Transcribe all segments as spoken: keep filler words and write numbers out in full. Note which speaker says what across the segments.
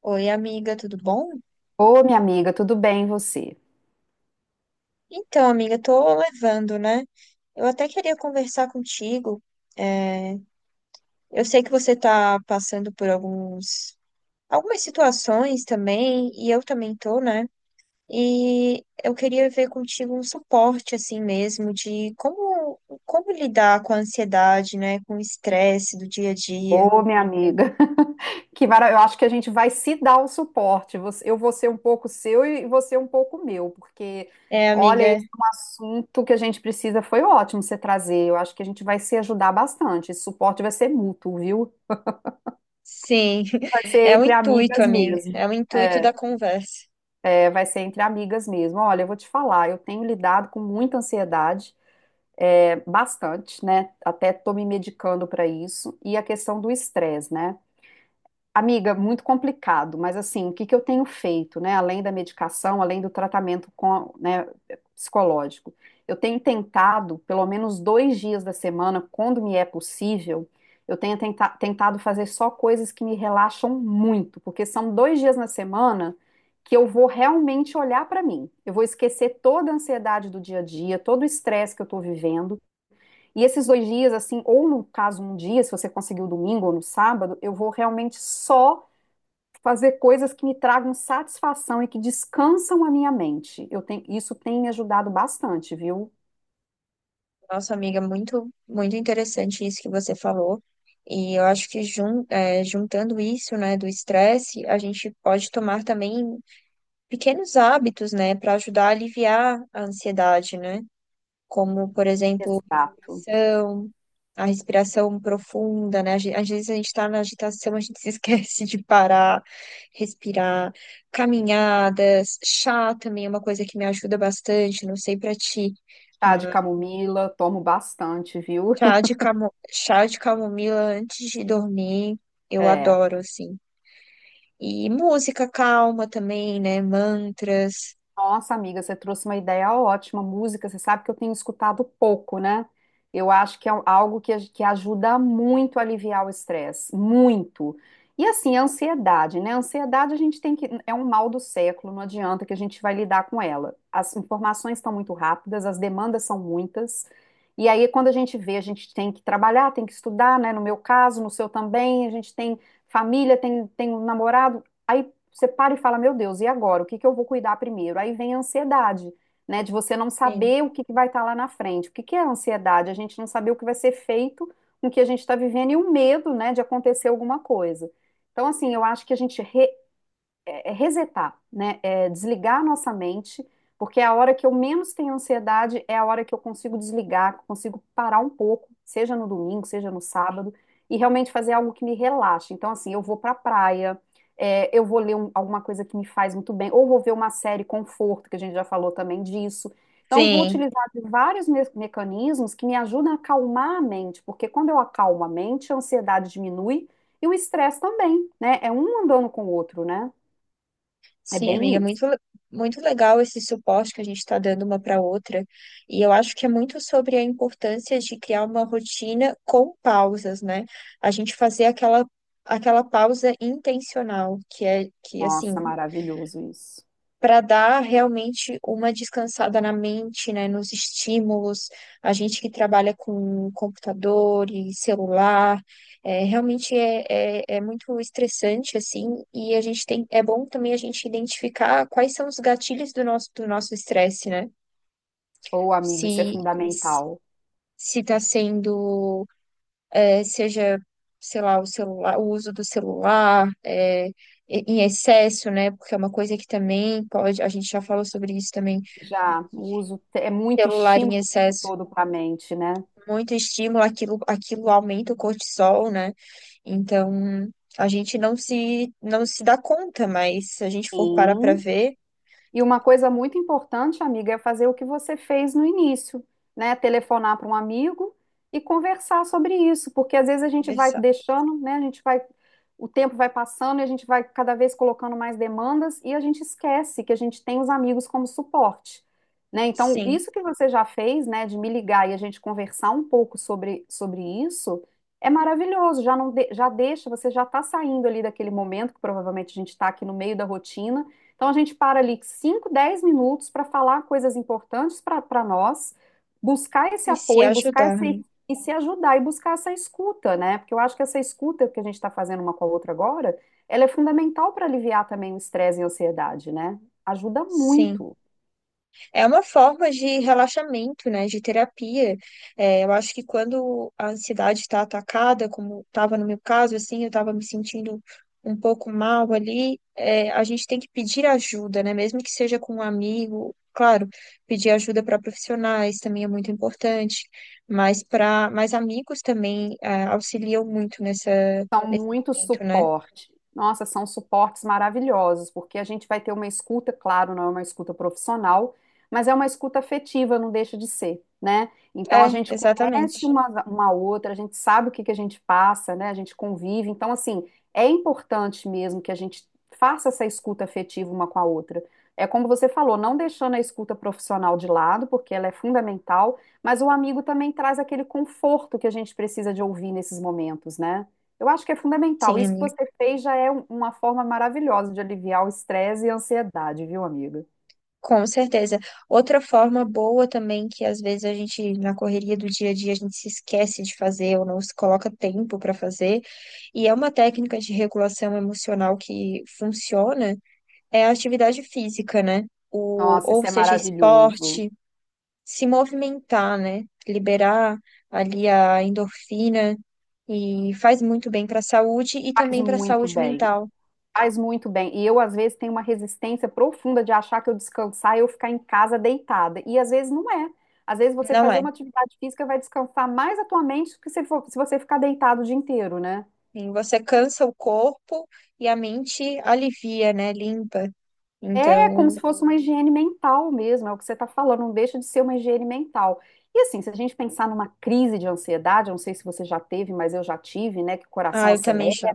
Speaker 1: Oi, amiga, tudo bom?
Speaker 2: Ô, minha amiga, tudo bem você?
Speaker 1: Então, amiga, tô levando, né? Eu até queria conversar contigo. É, eu sei que você tá passando por alguns, algumas situações também, e eu também tô, né? E eu queria ver contigo um suporte, assim mesmo, de como, como lidar com a ansiedade, né? Com o estresse do dia a dia.
Speaker 2: Ô, minha amiga, que mara... eu acho que a gente vai se dar o suporte. Você- Eu vou ser um pouco seu e você um pouco meu, porque
Speaker 1: É,
Speaker 2: olha,
Speaker 1: amiga,
Speaker 2: esse é um assunto que a gente precisa. Foi ótimo você trazer. Eu acho que a gente vai se ajudar bastante. Esse suporte vai ser mútuo, viu?
Speaker 1: sim,
Speaker 2: Vai ser
Speaker 1: é o
Speaker 2: entre
Speaker 1: intuito,
Speaker 2: amigas
Speaker 1: amiga,
Speaker 2: mesmo.
Speaker 1: é o intuito
Speaker 2: É,
Speaker 1: da conversa.
Speaker 2: é, vai ser entre amigas mesmo. Olha, eu vou te falar, eu tenho lidado com muita ansiedade, é, bastante, né? Até tô me medicando para isso. E a questão do estresse, né? Amiga, muito complicado, mas assim, o que que eu tenho feito, né? Além da medicação, além do tratamento com, né, psicológico, eu tenho tentado, pelo menos dois dias da semana, quando me é possível, eu tenho tenta- tentado fazer só coisas que me relaxam muito, porque são dois dias na semana que eu vou realmente olhar para mim. Eu vou esquecer toda a ansiedade do dia a dia, todo o estresse que eu estou vivendo. E esses dois dias, assim, ou no caso um dia, se você conseguir o domingo ou no sábado, eu vou realmente só fazer coisas que me tragam satisfação e que descansam a minha mente. Eu tenho, isso tem me ajudado bastante, viu?
Speaker 1: Nossa, amiga, muito, muito interessante isso que você falou. E eu acho que jun, é, juntando isso, né, do estresse, a gente pode tomar também pequenos hábitos, né, para ajudar a aliviar a ansiedade, né? Como, por exemplo,
Speaker 2: Exato.
Speaker 1: respiração, a respiração profunda, né? Às ge- às vezes a gente está na agitação, a gente se esquece de parar, respirar, caminhadas, chá também é uma coisa que me ajuda bastante, não sei para ti.
Speaker 2: Chá de camomila, tomo bastante, viu?
Speaker 1: Chá de camo... Chá de camomila antes de dormir, eu
Speaker 2: É.
Speaker 1: adoro, assim. E música calma também, né? Mantras.
Speaker 2: Nossa, amiga, você trouxe uma ideia ótima. Música, você sabe que eu tenho escutado pouco, né? Eu acho que é um, algo que, que ajuda muito a aliviar o estresse, muito. E assim, a ansiedade, né? A ansiedade a gente tem que. É um mal do século, não adianta que a gente vai lidar com ela. As informações estão muito rápidas, as demandas são muitas. E aí, quando a gente vê, a gente tem que trabalhar, tem que estudar, né? No meu caso, no seu também, a gente tem família, tem, tem um namorado. Aí você para e fala, meu Deus, e agora? O que que eu vou cuidar primeiro? Aí vem a ansiedade, né? De você não
Speaker 1: Sim,
Speaker 2: saber o que que vai estar lá na frente. O que que é a ansiedade? A gente não saber o que vai ser feito com o que a gente está vivendo e o medo, né, de acontecer alguma coisa. Então, assim, eu acho que a gente re- é é resetar, né? É desligar a nossa mente, porque é a hora que eu menos tenho ansiedade é a hora que eu consigo desligar, que eu consigo parar um pouco, seja no domingo, seja no sábado, e realmente fazer algo que me relaxe. Então, assim, eu vou pra praia, é, eu vou ler um- alguma coisa que me faz muito bem, ou vou ver uma série conforto, que a gente já falou também disso. Então, eu vou
Speaker 1: sim,
Speaker 2: utilizar de vários me- mecanismos que me ajudam a acalmar a mente, porque quando eu acalmo a mente, a ansiedade diminui e o estresse também, né? É um andando com o outro, né? É
Speaker 1: sim,
Speaker 2: bem
Speaker 1: amiga.
Speaker 2: isso.
Speaker 1: Muito, le- muito legal esse suporte que a gente está dando uma para outra. E eu acho que é muito sobre a importância de criar uma rotina com pausas, né? A gente fazer aquela, aquela pausa intencional, que é que, assim.
Speaker 2: Nossa, maravilhoso isso.
Speaker 1: Para dar realmente uma descansada na mente, né, nos estímulos. A gente que trabalha com computador e celular, é, realmente é, é, é muito estressante, assim, e a gente tem, é bom também a gente identificar quais são os gatilhos do nosso, do nosso estresse, né?
Speaker 2: Ou, amigo, isso é
Speaker 1: Se,
Speaker 2: fundamental.
Speaker 1: se está sendo eh, seja, sei lá, o celular, o uso do celular, eh, em em excesso, né? Porque é uma coisa que também pode, a gente já falou sobre isso também,
Speaker 2: Já o uso te- É muito
Speaker 1: celular em
Speaker 2: estímulo o tempo
Speaker 1: excesso,
Speaker 2: todo para a mente, né?
Speaker 1: muito estímulo, aquilo, aquilo aumenta o cortisol, né? Então, a gente não se, não se dá conta, mas se a gente for parar para
Speaker 2: Sim.
Speaker 1: ver,
Speaker 2: E uma coisa muito importante, amiga, é fazer o que você fez no início, né? Telefonar para um amigo e conversar sobre isso, porque às vezes a gente vai
Speaker 1: conversar,
Speaker 2: deixando, né? A gente vai, o tempo vai passando e a gente vai cada vez colocando mais demandas e a gente esquece que a gente tem os amigos como suporte, né? Então,
Speaker 1: sim,
Speaker 2: isso que você já fez, né, de me ligar e a gente conversar um pouco sobre, sobre isso, é maravilhoso. Já não de- já deixa, você já está saindo ali daquele momento que provavelmente a gente está aqui no meio da rotina então a gente para ali cinco, dez minutos para falar coisas importantes para nós, buscar esse
Speaker 1: e se
Speaker 2: apoio, buscar
Speaker 1: ajudar,
Speaker 2: essa
Speaker 1: né?
Speaker 2: e se ajudar e buscar essa escuta, né? Porque eu acho que essa escuta que a gente está fazendo uma com a outra agora, ela é fundamental para aliviar também o estresse e a ansiedade, né? Ajuda
Speaker 1: Sim.
Speaker 2: muito.
Speaker 1: É uma forma de relaxamento, né, de terapia. É, eu acho que quando a ansiedade está atacada, como estava no meu caso, assim, eu estava me sentindo um pouco mal ali, é, a gente tem que pedir ajuda, né, mesmo que seja com um amigo. Claro, pedir ajuda para profissionais também é muito importante, mas para, mas amigos também é, auxiliam muito nessa,
Speaker 2: São
Speaker 1: nesse
Speaker 2: muito
Speaker 1: momento, né?
Speaker 2: suporte. Nossa, são suportes maravilhosos, porque a gente vai ter uma escuta, claro, não é uma escuta profissional, mas é uma escuta afetiva, não deixa de ser, né? Então a
Speaker 1: É,
Speaker 2: gente conhece
Speaker 1: exatamente.
Speaker 2: uma, uma outra, a gente sabe o que que a gente passa, né? A gente convive. Então, assim, é importante mesmo que a gente faça essa escuta afetiva uma com a outra. É como você falou, não deixando a escuta profissional de lado, porque ela é fundamental, mas o amigo também traz aquele conforto que a gente precisa de ouvir nesses momentos, né? Eu acho que é fundamental.
Speaker 1: Sim,
Speaker 2: Isso que
Speaker 1: amiga.
Speaker 2: você fez já é um- uma forma maravilhosa de aliviar o estresse e a ansiedade, viu, amiga?
Speaker 1: Com certeza. Outra forma boa também que às vezes a gente, na correria do dia a dia, a gente se esquece de fazer ou não se coloca tempo para fazer, e é uma técnica de regulação emocional que funciona, é a atividade física, né? O,
Speaker 2: Nossa,
Speaker 1: ou
Speaker 2: isso é
Speaker 1: seja,
Speaker 2: maravilhoso.
Speaker 1: esporte, se movimentar, né? Liberar ali a endorfina e faz muito bem para a saúde e
Speaker 2: Faz
Speaker 1: também para a
Speaker 2: muito
Speaker 1: saúde
Speaker 2: bem.
Speaker 1: mental,
Speaker 2: Faz muito bem. E eu, às vezes, tenho uma resistência profunda de achar que eu descansar e eu ficar em casa deitada. E às vezes não é. Às vezes você
Speaker 1: não
Speaker 2: fazer
Speaker 1: é?
Speaker 2: uma atividade física vai descansar mais a tua mente do que se, for- se você ficar deitado o dia inteiro, né?
Speaker 1: Sim. Você cansa o corpo e a mente alivia, né? Limpa.
Speaker 2: É como se
Speaker 1: Então,
Speaker 2: fosse uma higiene mental mesmo, é o que você está falando, não deixa de ser uma higiene mental. E assim, se a gente pensar numa crise de ansiedade, eu não sei se você já teve, mas eu já tive, né? Que o
Speaker 1: ah,
Speaker 2: coração
Speaker 1: eu também
Speaker 2: acelera.
Speaker 1: já,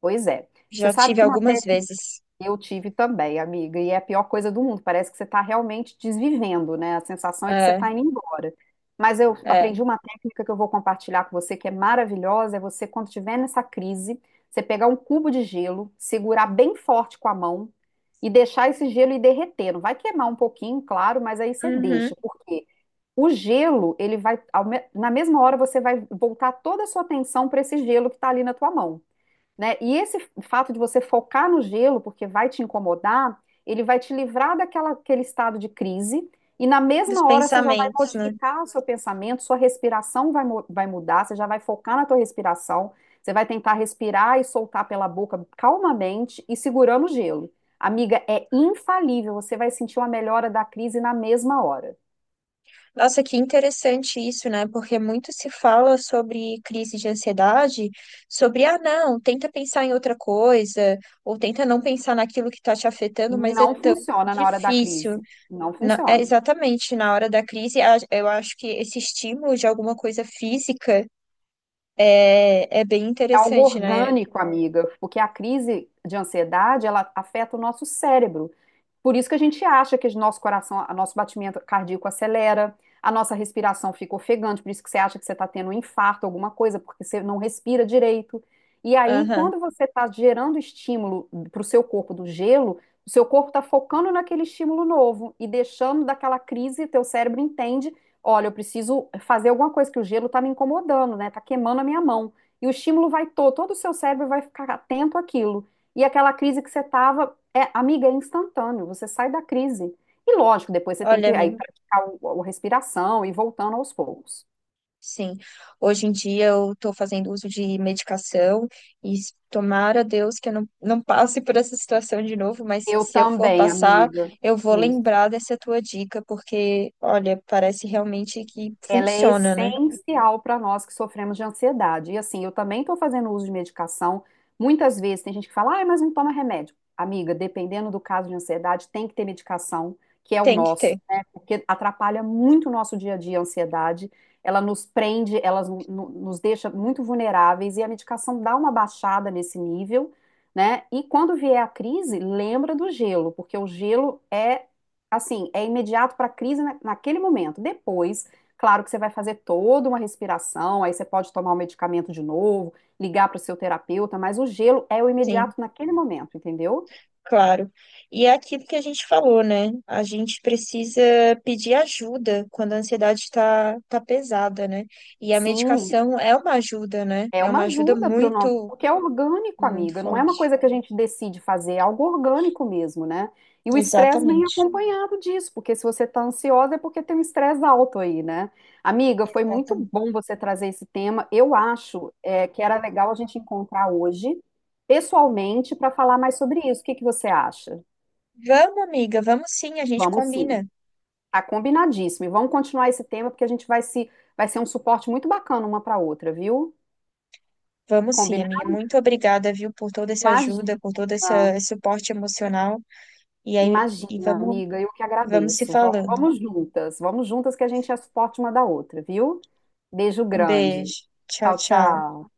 Speaker 2: Pois é. Você
Speaker 1: já
Speaker 2: sabe
Speaker 1: tive
Speaker 2: que uma te-
Speaker 1: algumas vezes.
Speaker 2: eu tive também, amiga, e é a pior coisa do mundo. Parece que você está realmente desvivendo, né? A sensação é que você
Speaker 1: É,
Speaker 2: está indo embora. Mas eu
Speaker 1: é.
Speaker 2: aprendi uma técnica que eu vou compartilhar com você, que é maravilhosa, é você, quando estiver nessa crise, você pegar um cubo de gelo, segurar bem forte com a mão e deixar esse gelo ir derretendo. Vai queimar um pouquinho, claro, mas aí você deixa,
Speaker 1: Uhum.
Speaker 2: porque o gelo, ele vai, ao me- na mesma hora você vai voltar toda a sua atenção para esse gelo que está ali na tua mão, né? E esse fato de você focar no gelo, porque vai te incomodar, ele vai te livrar daquela, aquele estado de crise, e na
Speaker 1: Dos
Speaker 2: mesma hora você já vai
Speaker 1: pensamentos, né?
Speaker 2: modificar o seu pensamento, sua respiração vai, mu- vai mudar, você já vai focar na tua respiração, você vai tentar respirar e soltar pela boca calmamente e segurando o gelo. Amiga, é infalível, você vai sentir uma melhora da crise na mesma hora.
Speaker 1: Nossa, que interessante isso, né? Porque muito se fala sobre crise de ansiedade, sobre, ah, não, tenta pensar em outra coisa, ou tenta não pensar naquilo que está te afetando, mas é
Speaker 2: Não
Speaker 1: tão
Speaker 2: funciona na hora da
Speaker 1: difícil.
Speaker 2: crise. Não
Speaker 1: Na- é
Speaker 2: funciona.
Speaker 1: exatamente, na hora da crise, a- eu acho que esse estímulo de alguma coisa física. É, é bem
Speaker 2: É algo
Speaker 1: interessante, né?
Speaker 2: orgânico, amiga, porque a crise de ansiedade, ela afeta o nosso cérebro. Por isso que a gente acha que o nosso coração, o nosso batimento cardíaco acelera, a nossa respiração fica ofegante, por isso que você acha que você está tendo um infarto, alguma coisa, porque você não respira direito. E aí,
Speaker 1: Aham.
Speaker 2: quando você está gerando estímulo para o seu corpo do gelo, o seu corpo está focando naquele estímulo novo e deixando daquela crise, teu cérebro entende, olha, eu preciso fazer alguma coisa, que o gelo está me incomodando, né? Está queimando a minha mão. E o estímulo vai todo, todo o seu cérebro vai ficar atento àquilo. E aquela crise que você estava é, amiga, é instantâneo, você sai da crise. E lógico, depois você tem
Speaker 1: Olha,
Speaker 2: que aí
Speaker 1: amigo,
Speaker 2: praticar o, a respiração e ir voltando aos poucos.
Speaker 1: sim. Hoje em dia eu estou fazendo uso de medicação e s- tomara a Deus que eu não, não passe por essa situação de novo, mas
Speaker 2: Eu
Speaker 1: se eu for
Speaker 2: também,
Speaker 1: passar,
Speaker 2: amiga.
Speaker 1: eu vou
Speaker 2: Isso.
Speaker 1: lembrar dessa tua dica, porque, olha, parece realmente que
Speaker 2: Ela é
Speaker 1: funciona, né?
Speaker 2: essencial para nós que sofremos de ansiedade. E assim, eu também estou fazendo uso de medicação. Muitas vezes tem gente que fala, ah, mas não toma remédio. Amiga, dependendo do caso de ansiedade, tem que ter medicação, que é o
Speaker 1: Tem que ter.
Speaker 2: nosso, né? Porque atrapalha muito o nosso dia a dia a ansiedade. Ela nos prende, ela no- no- nos deixa muito vulneráveis e a medicação dá uma baixada nesse nível, né? E quando vier a crise, lembra do gelo, porque o gelo é assim, é imediato para a crise na- naquele momento. Depois claro que você vai fazer toda uma respiração, aí você pode tomar o medicamento de novo, ligar para o seu terapeuta, mas o gelo é o
Speaker 1: Sim.
Speaker 2: imediato naquele momento, entendeu?
Speaker 1: Claro. E é aquilo que a gente falou, né? A gente precisa pedir ajuda quando a ansiedade está tá tá pesada, né? E a
Speaker 2: Sim,
Speaker 1: medicação é uma ajuda, né?
Speaker 2: é
Speaker 1: É
Speaker 2: uma
Speaker 1: uma ajuda
Speaker 2: ajuda para o nosso,
Speaker 1: muito,
Speaker 2: porque é orgânico,
Speaker 1: muito
Speaker 2: amiga, não é uma
Speaker 1: forte.
Speaker 2: coisa que a gente decide fazer, é algo orgânico mesmo, né? E o estresse vem
Speaker 1: Exatamente.
Speaker 2: acompanhado disso, porque se você está ansiosa é porque tem um estresse alto aí, né? Amiga, foi muito
Speaker 1: Exatamente.
Speaker 2: bom você trazer esse tema. Eu acho, é, que era legal a gente encontrar hoje, pessoalmente, para falar mais sobre isso. O que que você acha?
Speaker 1: Vamos, amiga, vamos sim, a gente
Speaker 2: Vamos sim,
Speaker 1: combina.
Speaker 2: tá combinadíssimo. E vamos continuar esse tema, porque a gente vai se, vai ser um suporte muito bacana uma para outra, viu?
Speaker 1: Vamos sim, amiga.
Speaker 2: Combinado?
Speaker 1: Muito obrigada, viu, por toda essa
Speaker 2: Imagina.
Speaker 1: ajuda, por todo essa- esse suporte emocional. E aí, e
Speaker 2: Imagina,
Speaker 1: vamos,
Speaker 2: amiga, eu que
Speaker 1: vamos se
Speaker 2: agradeço. Vamos,
Speaker 1: falando.
Speaker 2: vamos juntas, vamos juntas que a gente é suporte uma da outra, viu? Beijo
Speaker 1: Um
Speaker 2: grande.
Speaker 1: beijo. Tchau,
Speaker 2: Tchau,
Speaker 1: tchau.
Speaker 2: tchau.